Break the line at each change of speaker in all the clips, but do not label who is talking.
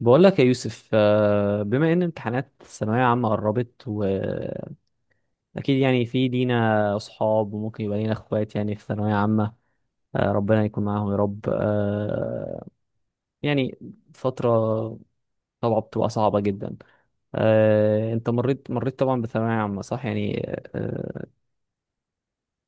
بقول لك يا يوسف، بما ان امتحانات الثانويه عامه قربت، واكيد يعني في لينا اصحاب، وممكن يبقى لينا اخوات يعني في ثانويه عامه. ربنا يكون معاهم يا رب. يعني فتره طبعا بتبقى صعبه جدا. انت مريت طبعا بثانويه عامه، صح يعني؟ آه،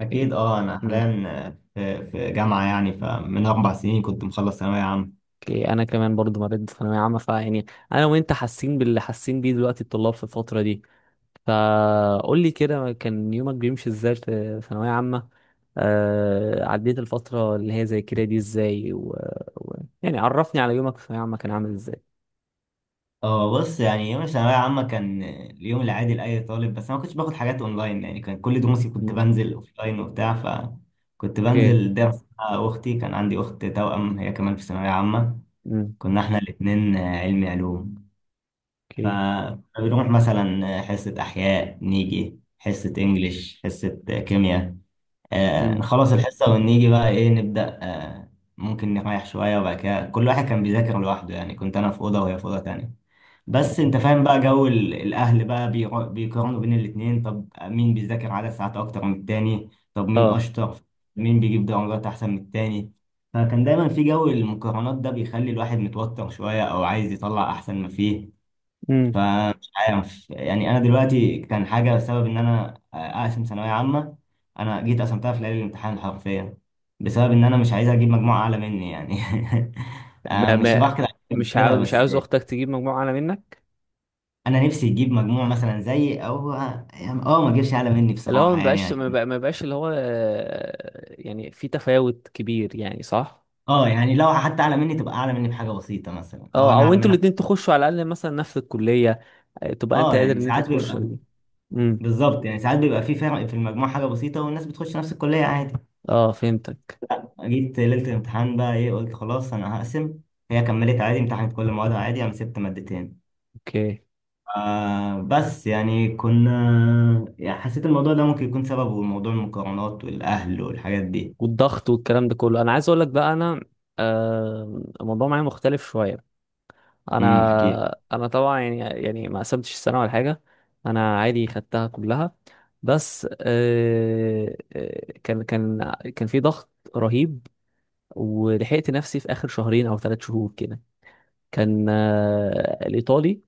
أكيد، أه أنا
مم.
حاليا في جامعة، يعني فمن أربع سنين كنت مخلص ثانوية عامة.
اوكي، انا كمان برضو مريت بثانويه عامه، فيعني انا وانت حاسين باللي حاسين بيه دلوقتي الطلاب في الفتره دي. فقول لي كده، كان يومك بيمشي ازاي في ثانوية عامة؟ عديت الفترة اللي هي زي كده دي ازاي و... يعني عرفني على يومك في ثانوية عامة كان عامل ازاي.
أه بص، يعني يوم الثانوية عامة كان اليوم العادي لأي طالب، بس أنا ما كنتش باخد حاجات أونلاين، يعني كان كل دروسي كنت
مم.
بنزل أوفلاين وبتاع، فكنت
اوكي.
بنزل درس مع أختي. كان عندي أخت توأم هي كمان في ثانوية عامة.
مم.
كنا إحنا الاتنين علمي علوم،
اوكي.
فبنروح مثلا حصة أحياء، نيجي حصة إنجليش، حصة كيمياء. آه
مم.
نخلص الحصة ونيجي بقى إيه، نبدأ آه ممكن نريح شوية، وبعد كده كل واحد كان بيذاكر لوحده، يعني كنت أنا في أوضة وهي في أوضة تانية. بس
تمام.
أنت فاهم بقى جو الأهل بقى، بيقارنوا بين الاتنين، طب مين بيذاكر عدد ساعات أكتر من التاني؟ طب مين
اه.
أشطر؟ مين بيجيب درجات أحسن من التاني؟ فكان دايما في جو المقارنات ده بيخلي الواحد متوتر شوية، أو عايز يطلع أحسن ما فيه.
مم.
فمش عارف، يعني انا دلوقتي كان حاجه بسبب ان انا اقسم ثانويه عامه، انا جيت قسمتها في ليله الامتحان حرفيا، بسبب ان انا مش عايز اجيب مجموعه اعلى مني يعني. أنا
ما
مش
ما
بحقد عليهم
مش
كده،
عاوز مش
بس
عاوز اختك تجيب مجموعة اعلى منك.
انا نفسي يجيب مجموع مثلا زي، او يعني اه ما اجيبش اعلى مني
اللي هو
بصراحه،
ما
يعني
بقاش،
عشان
ما بقاش اللي هو يعني في تفاوت كبير، يعني صح.
اه، يعني لو حتى اعلى مني تبقى اعلى مني بحاجه بسيطه مثلا، او
اه،
انا
او
اعلى
انتوا
منك.
الاتنين تخشوا على الاقل مثلا نفس الكلية. تبقى انت
اه
قادر
يعني
ان انت
ساعات
تخش
بيبقى،
مم.
بالظبط، يعني ساعات بيبقى في فرق في المجموع حاجه بسيطه والناس بتخش نفس الكليه عادي.
اه فهمتك.
جيت ليلة الامتحان بقى ايه، قلت خلاص انا هقسم. هي كملت عادي، امتحنت كل موادها عادي، انا سبت مادتين.
اوكي.
آه بس يعني كنا، يعني حسيت الموضوع ده ممكن يكون سببه موضوع المقارنات والاهل والحاجات دي.
والضغط والكلام ده كله، انا عايز اقول لك بقى انا. الموضوع معايا مختلف شويه.
احكي لي.
انا طبعا يعني ما قسمتش السنه ولا حاجه. انا عادي خدتها كلها. بس كان في ضغط رهيب، ولحقت نفسي في اخر شهرين او ثلاث شهور كده. كان الايطالي،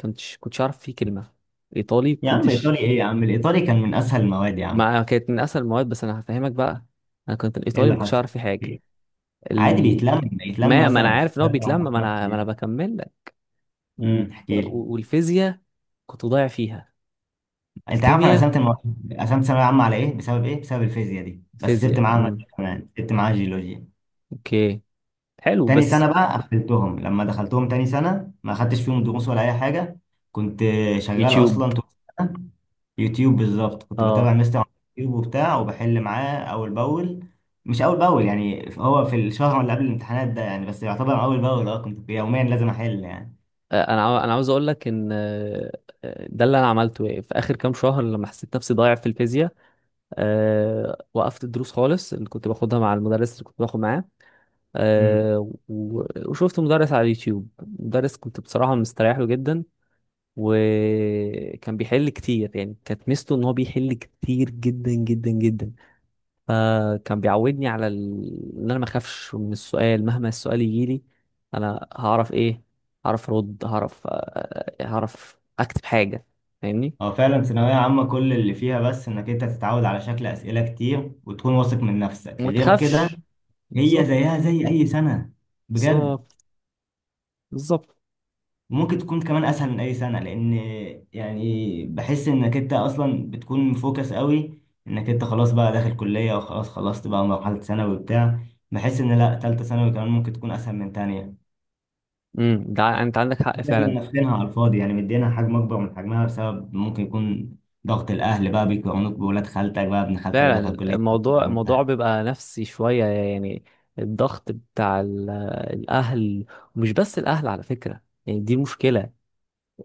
كنتش عارف فيه كلمه. ايطالي
يا عم
كنتش
ايطالي ايه يا عم، الايطالي كان من اسهل المواد يا عم.
مع كانت من اسهل المواد، بس انا هفهمك بقى. انا كنت
ايه
الايطالي
اللي
ما كنتش
حصل
عارف فيه
احكي
حاجه.
لي. عادي
ال...
بيتلم
ما ما انا
مثلا في
عارف ان هو
ثلاث
بيتلم،
اربع
ما
خمس
انا
ايام.
بكمل لك. و...
احكي لي.
والفيزياء كنت ضايع فيها.
انت عارف انا قسمت
الكيمياء،
المواد، قسمت ثانويه عامه على ايه، بسبب ايه، بسبب الفيزياء دي، بس سبت
الفيزياء.
معاها ماده
امم.
كمان، سبت معاها جيولوجيا.
اوكي. حلو،
تاني
بس.
سنة بقى قفلتهم، لما دخلتهم تاني سنة ما خدتش فيهم دروس ولا أي حاجة. كنت شغال
يوتيوب.
أصلا طول السنة يوتيوب. بالظبط كنت بتابع
اه.
مستر على يوتيوب وبتاع، وبحل معاه أول بأول. مش أول بأول، يعني هو في الشهر اللي قبل الامتحانات ده، يعني بس يعتبر أول بأول. أه كنت يوميا لازم أحل يعني.
انا عاوز اقول لك ان ده اللي انا عملته، يعني في اخر كام شهر لما حسيت نفسي ضايع في الفيزياء. وقفت الدروس خالص اللي كنت باخدها مع المدرس اللي كنت باخد معاه،
امم.
وشفت مدرس على اليوتيوب. مدرس كنت بصراحة مستريح له جدا، وكان بيحل كتير، يعني كانت ميزته ان هو بيحل كتير جدا جدا جدا. فكان بيعودني على ان انا ما اخافش من السؤال، مهما السؤال يجيلي انا هعرف ايه، هعرف ارد، هعرف هعرف اكتب حاجه، فاهمني.
هو فعلا ثانوية عامة كل اللي فيها بس إنك أنت تتعود على شكل أسئلة كتير، وتكون واثق من نفسك،
وما
غير كده
تخافش.
هي
بالظبط.
زيها زي أي سنة، بجد.
بالظبط. بالظبط.
ممكن تكون كمان اسهل من اي سنه، لان يعني بحس انك انت اصلا بتكون مفوكس قوي، انك انت خلاص بقى داخل كليه، وخلاص خلصت بقى مرحله ثانوي وبتاع. بحس ان لا، ثالثه ثانوي كمان ممكن تكون اسهل من تانية،
امم، ده انت عندك حق
بس احنا
فعلا.
نفخينها على الفاضي، يعني مدينا حجم اكبر من حجمها، بسبب ممكن يكون ضغط الاهل بقى بيقارنوك بولاد خالتك، بقى ابن خالتك دخل
فعلا
كليه.
الموضوع بيبقى نفسي شوية يعني. الضغط بتاع الأهل. ومش بس الأهل على فكرة، يعني دي مشكلة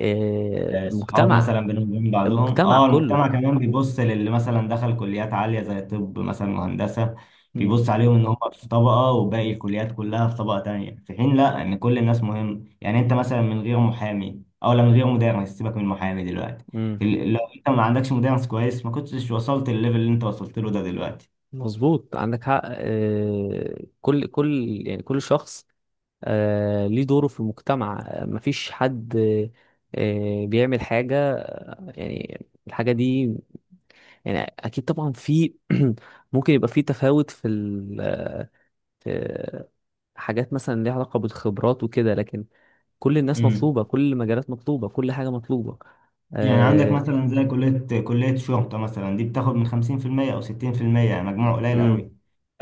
آه، الصحاب مثلا
مجتمع.
بنقوم من بعضهم،
المجتمع
اه
كله.
المجتمع كمان بيبص للي مثلا دخل كليات عالية زي طب مثلا وهندسة،
مم.
بيبص عليهم ان هم في طبقة وباقي الكليات كلها في طبقة تانية، في حين لا، ان كل الناس مهم. يعني انت مثلا من غير محامي، او لا، من غير مدرس، سيبك من محامي دلوقتي،
مم.
لو انت ما عندكش مدرس كويس، ما كنتش وصلت الليفل اللي انت وصلت له ده دلوقتي.
مظبوط، عندك حق. كل كل يعني كل شخص ليه دوره في المجتمع. مفيش حد بيعمل حاجة يعني الحاجة دي. يعني أكيد طبعا في ممكن يبقى في تفاوت في في حاجات مثلا ليها علاقة بالخبرات وكده، لكن كل الناس
مم.
مطلوبة، كل المجالات مطلوبة، كل حاجة مطلوبة.
يعني عندك
آه
مثلا زي كلية شرطة مثلا، دي بتاخد من خمسين في المية أو ستين في المية، يعني مجموع قليل
امم.
قوي،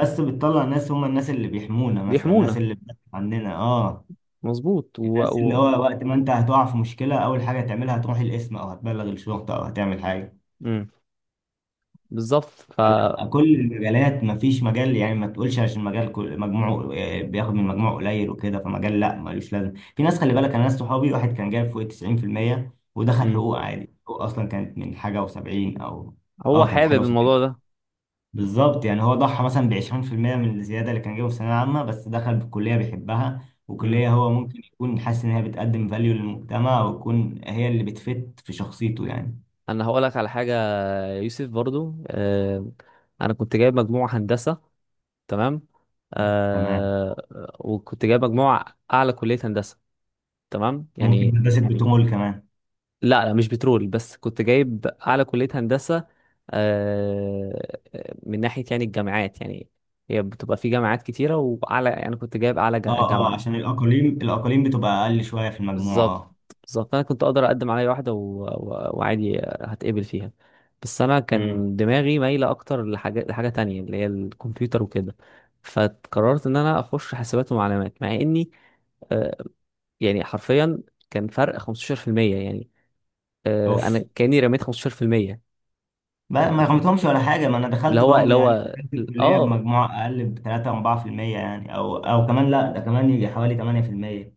بس بتطلع ناس هم الناس اللي بيحمونا مثلا، الناس
بيحمونا.
اللي بتدافع عننا، اه
مظبوط.
الناس اللي هو وقت ما انت هتقع في مشكلة أول حاجة هتعملها هتروح القسم، أو هتبلغ الشرطة، أو هتعمل حاجة.
امم. بالظبط.
لا، كل المجالات مفيش مجال، يعني ما تقولش عشان مجال مجموعه آه، بياخد من مجموعه قليل وكده فمجال لا ملوش لازم. في ناس خلي بالك، انا ناس صحابي واحد كان جايب فوق 90%، ودخل
امم.
حقوق عادي. حقوق اصلا كانت من حاجه و70، او
هو
اه كانت
حابب
حاجه و70.
الموضوع ده.
بالظبط، يعني هو ضحى مثلا ب 20% من الزياده اللي كان جايبها في الثانويه العامه، بس دخل بكليه بيحبها، وكليه
امم.
هو ممكن يكون حاسس ان هي بتقدم فاليو للمجتمع، ويكون هي اللي بتفت في شخصيته يعني.
انا هقول لك على حاجة يا يوسف برضو. انا كنت جايب مجموعة هندسة، تمام.
تمام.
آه وكنت جايب مجموعة اعلى كلية هندسة، تمام
ممكن
يعني.
هندسه بتمول كمان.
لا لا، مش بترول، بس كنت جايب اعلى كلية هندسة. آه، من ناحية يعني الجامعات يعني، هي بتبقى في جامعات كتيرة واعلى، يعني كنت جايب اعلى
اه اه،
جامعة.
عشان الاقاليم، الاقاليم بتبقى اقل شويه في المجموع
بالظبط.
اه.
بالظبط. انا كنت اقدر اقدم على اي واحدة وعادي هتقبل فيها، بس انا
امم.
كان دماغي مايلة اكتر لحاجة تانية اللي هي الكمبيوتر وكده. فقررت ان انا اخش حاسبات ومعلومات، مع اني آه، يعني حرفيا كان فرق 15%، يعني
اوف.
انا كاني رميت 15%.
ما
انت
ما
فاهم؟
رميتهمش ولا حاجه، ما انا
اللي
دخلت
هو
برضه،
اللي
يعني
هو
دخلت الكليه
اه.
بمجموع اقل ب 3 4%، يعني او او كمان، لا ده كمان يجي حوالي 8%.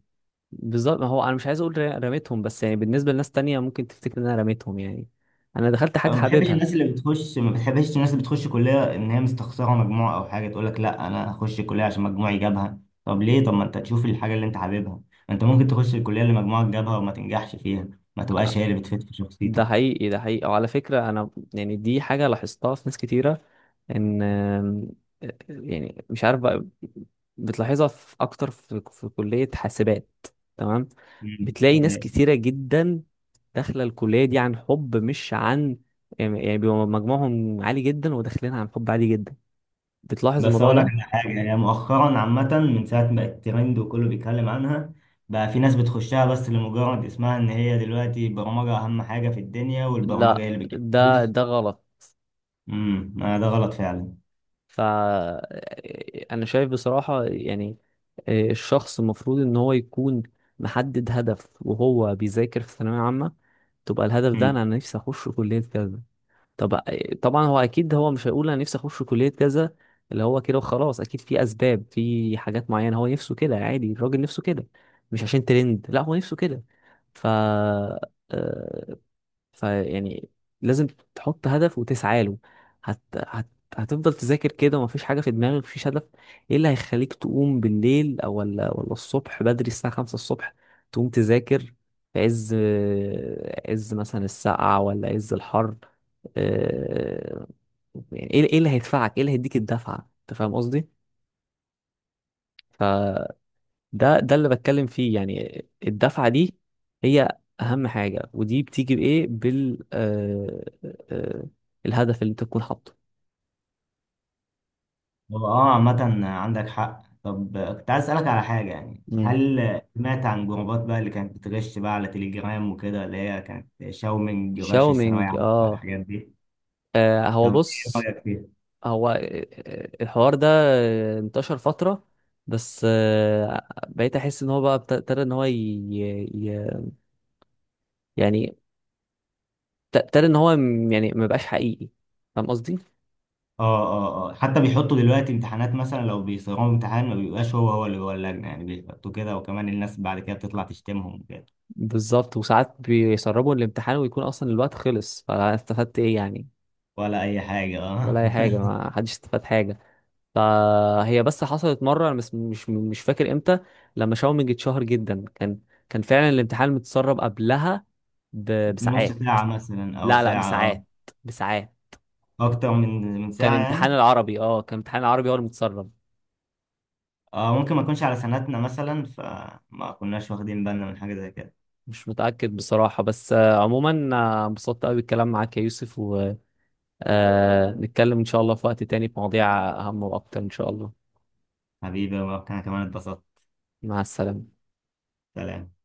بالظبط، ما هو انا مش عايز اقول رميتهم، بس يعني بالنسبه لناس تانية ممكن تفتكر ان انا رميتهم يعني. انا دخلت حاجه
انا ما بحبش
حاببها.
الناس اللي بتخش، ما بحبش الناس اللي بتخش كليه ان هي مستخسره مجموع، او حاجه تقول لك لا انا هخش كليه عشان مجموعي جابها. طب ليه؟ طب ما انت تشوف الحاجه اللي انت حاببها. ما انت ممكن تخش الكليه اللي مجموعك جابها وما تنجحش فيها، ما تبقاش هي اللي بتفيد في
ده
شخصيتك.
حقيقي، ده حقيقي. وعلى فكره انا يعني دي حاجه لاحظتها في ناس كتيره، ان يعني مش عارف بقى، بتلاحظها في اكتر في كليه حاسبات، تمام.
مم.
بتلاقي ناس كتيره جدا داخله الكليه دي عن حب، مش عن يعني. بيبقى مجموعهم عالي جدا، وداخلين عن حب عالي جدا. بتلاحظ
بس
الموضوع
اقول لك
ده.
على حاجه، يعني مؤخرا عامه من ساعه ما بقت ترند وكله بيتكلم عنها، بقى في ناس بتخشها بس لمجرد اسمها، ان هي دلوقتي البرمجه اهم حاجه في الدنيا، والبرمجه
لا،
هي اللي بتجيب
ده
فلوس.
ده غلط.
امم. ده غلط فعلا.
فأنا شايف بصراحة يعني الشخص المفروض إن هو يكون محدد هدف وهو بيذاكر في الثانوية عامة. تبقى الهدف ده
امم.
أنا نفسي أخش كلية كذا. طب طبعا هو أكيد هو مش هيقول أنا نفسي أخش كلية كذا اللي هو كده وخلاص، أكيد في أسباب، في حاجات معينة هو نفسه كده، عادي الراجل نفسه كده. مش عشان ترند، لا، هو نفسه كده. ف آه، فيعني لازم تحط هدف وتسعى له. هت... هت... هتفضل تذاكر كده ومفيش حاجة في دماغك، مفيش هدف. ايه اللي هيخليك تقوم بالليل، او ولا الصبح بدري الساعة خمسة الصبح تقوم تذاكر؟ في عز، مثلا السقعة ولا عز الحر. آه، يعني ايه اللي هيدفعك؟ ايه اللي هيديك الدفعة؟ انت فاهم قصدي؟ ده اللي بتكلم فيه يعني الدفعة دي، هي أهم حاجة. ودي بتيجي بإيه؟ بال آه آه آه، الهدف اللي أنت تكون حاطه.
هو اه عامه عندك حق. طب آه، كنت عايز اسالك على حاجه، يعني
مم.
هل سمعت عن جروبات بقى اللي كانت بتغش بقى على تليجرام وكده، اللي هي كانت شاومينج، غش الثانويه
شاومينج.
عامه والحاجات دي؟
هو
طب ايه
بص.
رايك فيها؟
هو الحوار ده انتشر فترة. بس بقيت أحس إن هو بقى ابتدى إن هو ي... يعني ابتدى إن هو يعني ما بقاش حقيقي. فاهم قصدي؟
اه اه اه، حتى بيحطوا دلوقتي امتحانات مثلا، لو بيصيغوا امتحان ما بيبقاش هو اللي جوه اللجنة، يعني بيحطوا كده، وكمان الناس بعد كده بتطلع تشتمهم كده.
بالظبط. وساعات بيسربوا الامتحان ويكون أصلا الوقت خلص، فاستفدت إيه يعني؟
ولا أي حاجة اه.
ولا اي حاجه، ما حدش استفاد حاجه. فهي بس حصلت مره، انا بس مش فاكر امتى. لما شاومينج اتشهر جدا، كان فعلا الامتحان متسرب قبلها
نص
بساعات.
ساعة مثلا أو
لا لا،
ساعة اه،
بساعات، بساعات.
أكتر من
كان
ساعة يعني.
امتحان العربي. اه، كان امتحان العربي هو اللي متسرب.
اه ممكن ما يكونش على سنتنا مثلا، فما كناش واخدين بالنا من حاجة زي كده.
مش متاكد بصراحه، بس عموما انبسطت قوي بالكلام معاك يا يوسف. ونتكلم ان شاء الله في وقت تاني في مواضيع اهم واكتر ان شاء الله.
حبيبي وأنا كمان اتبسطت.
مع السلامه.
سلام.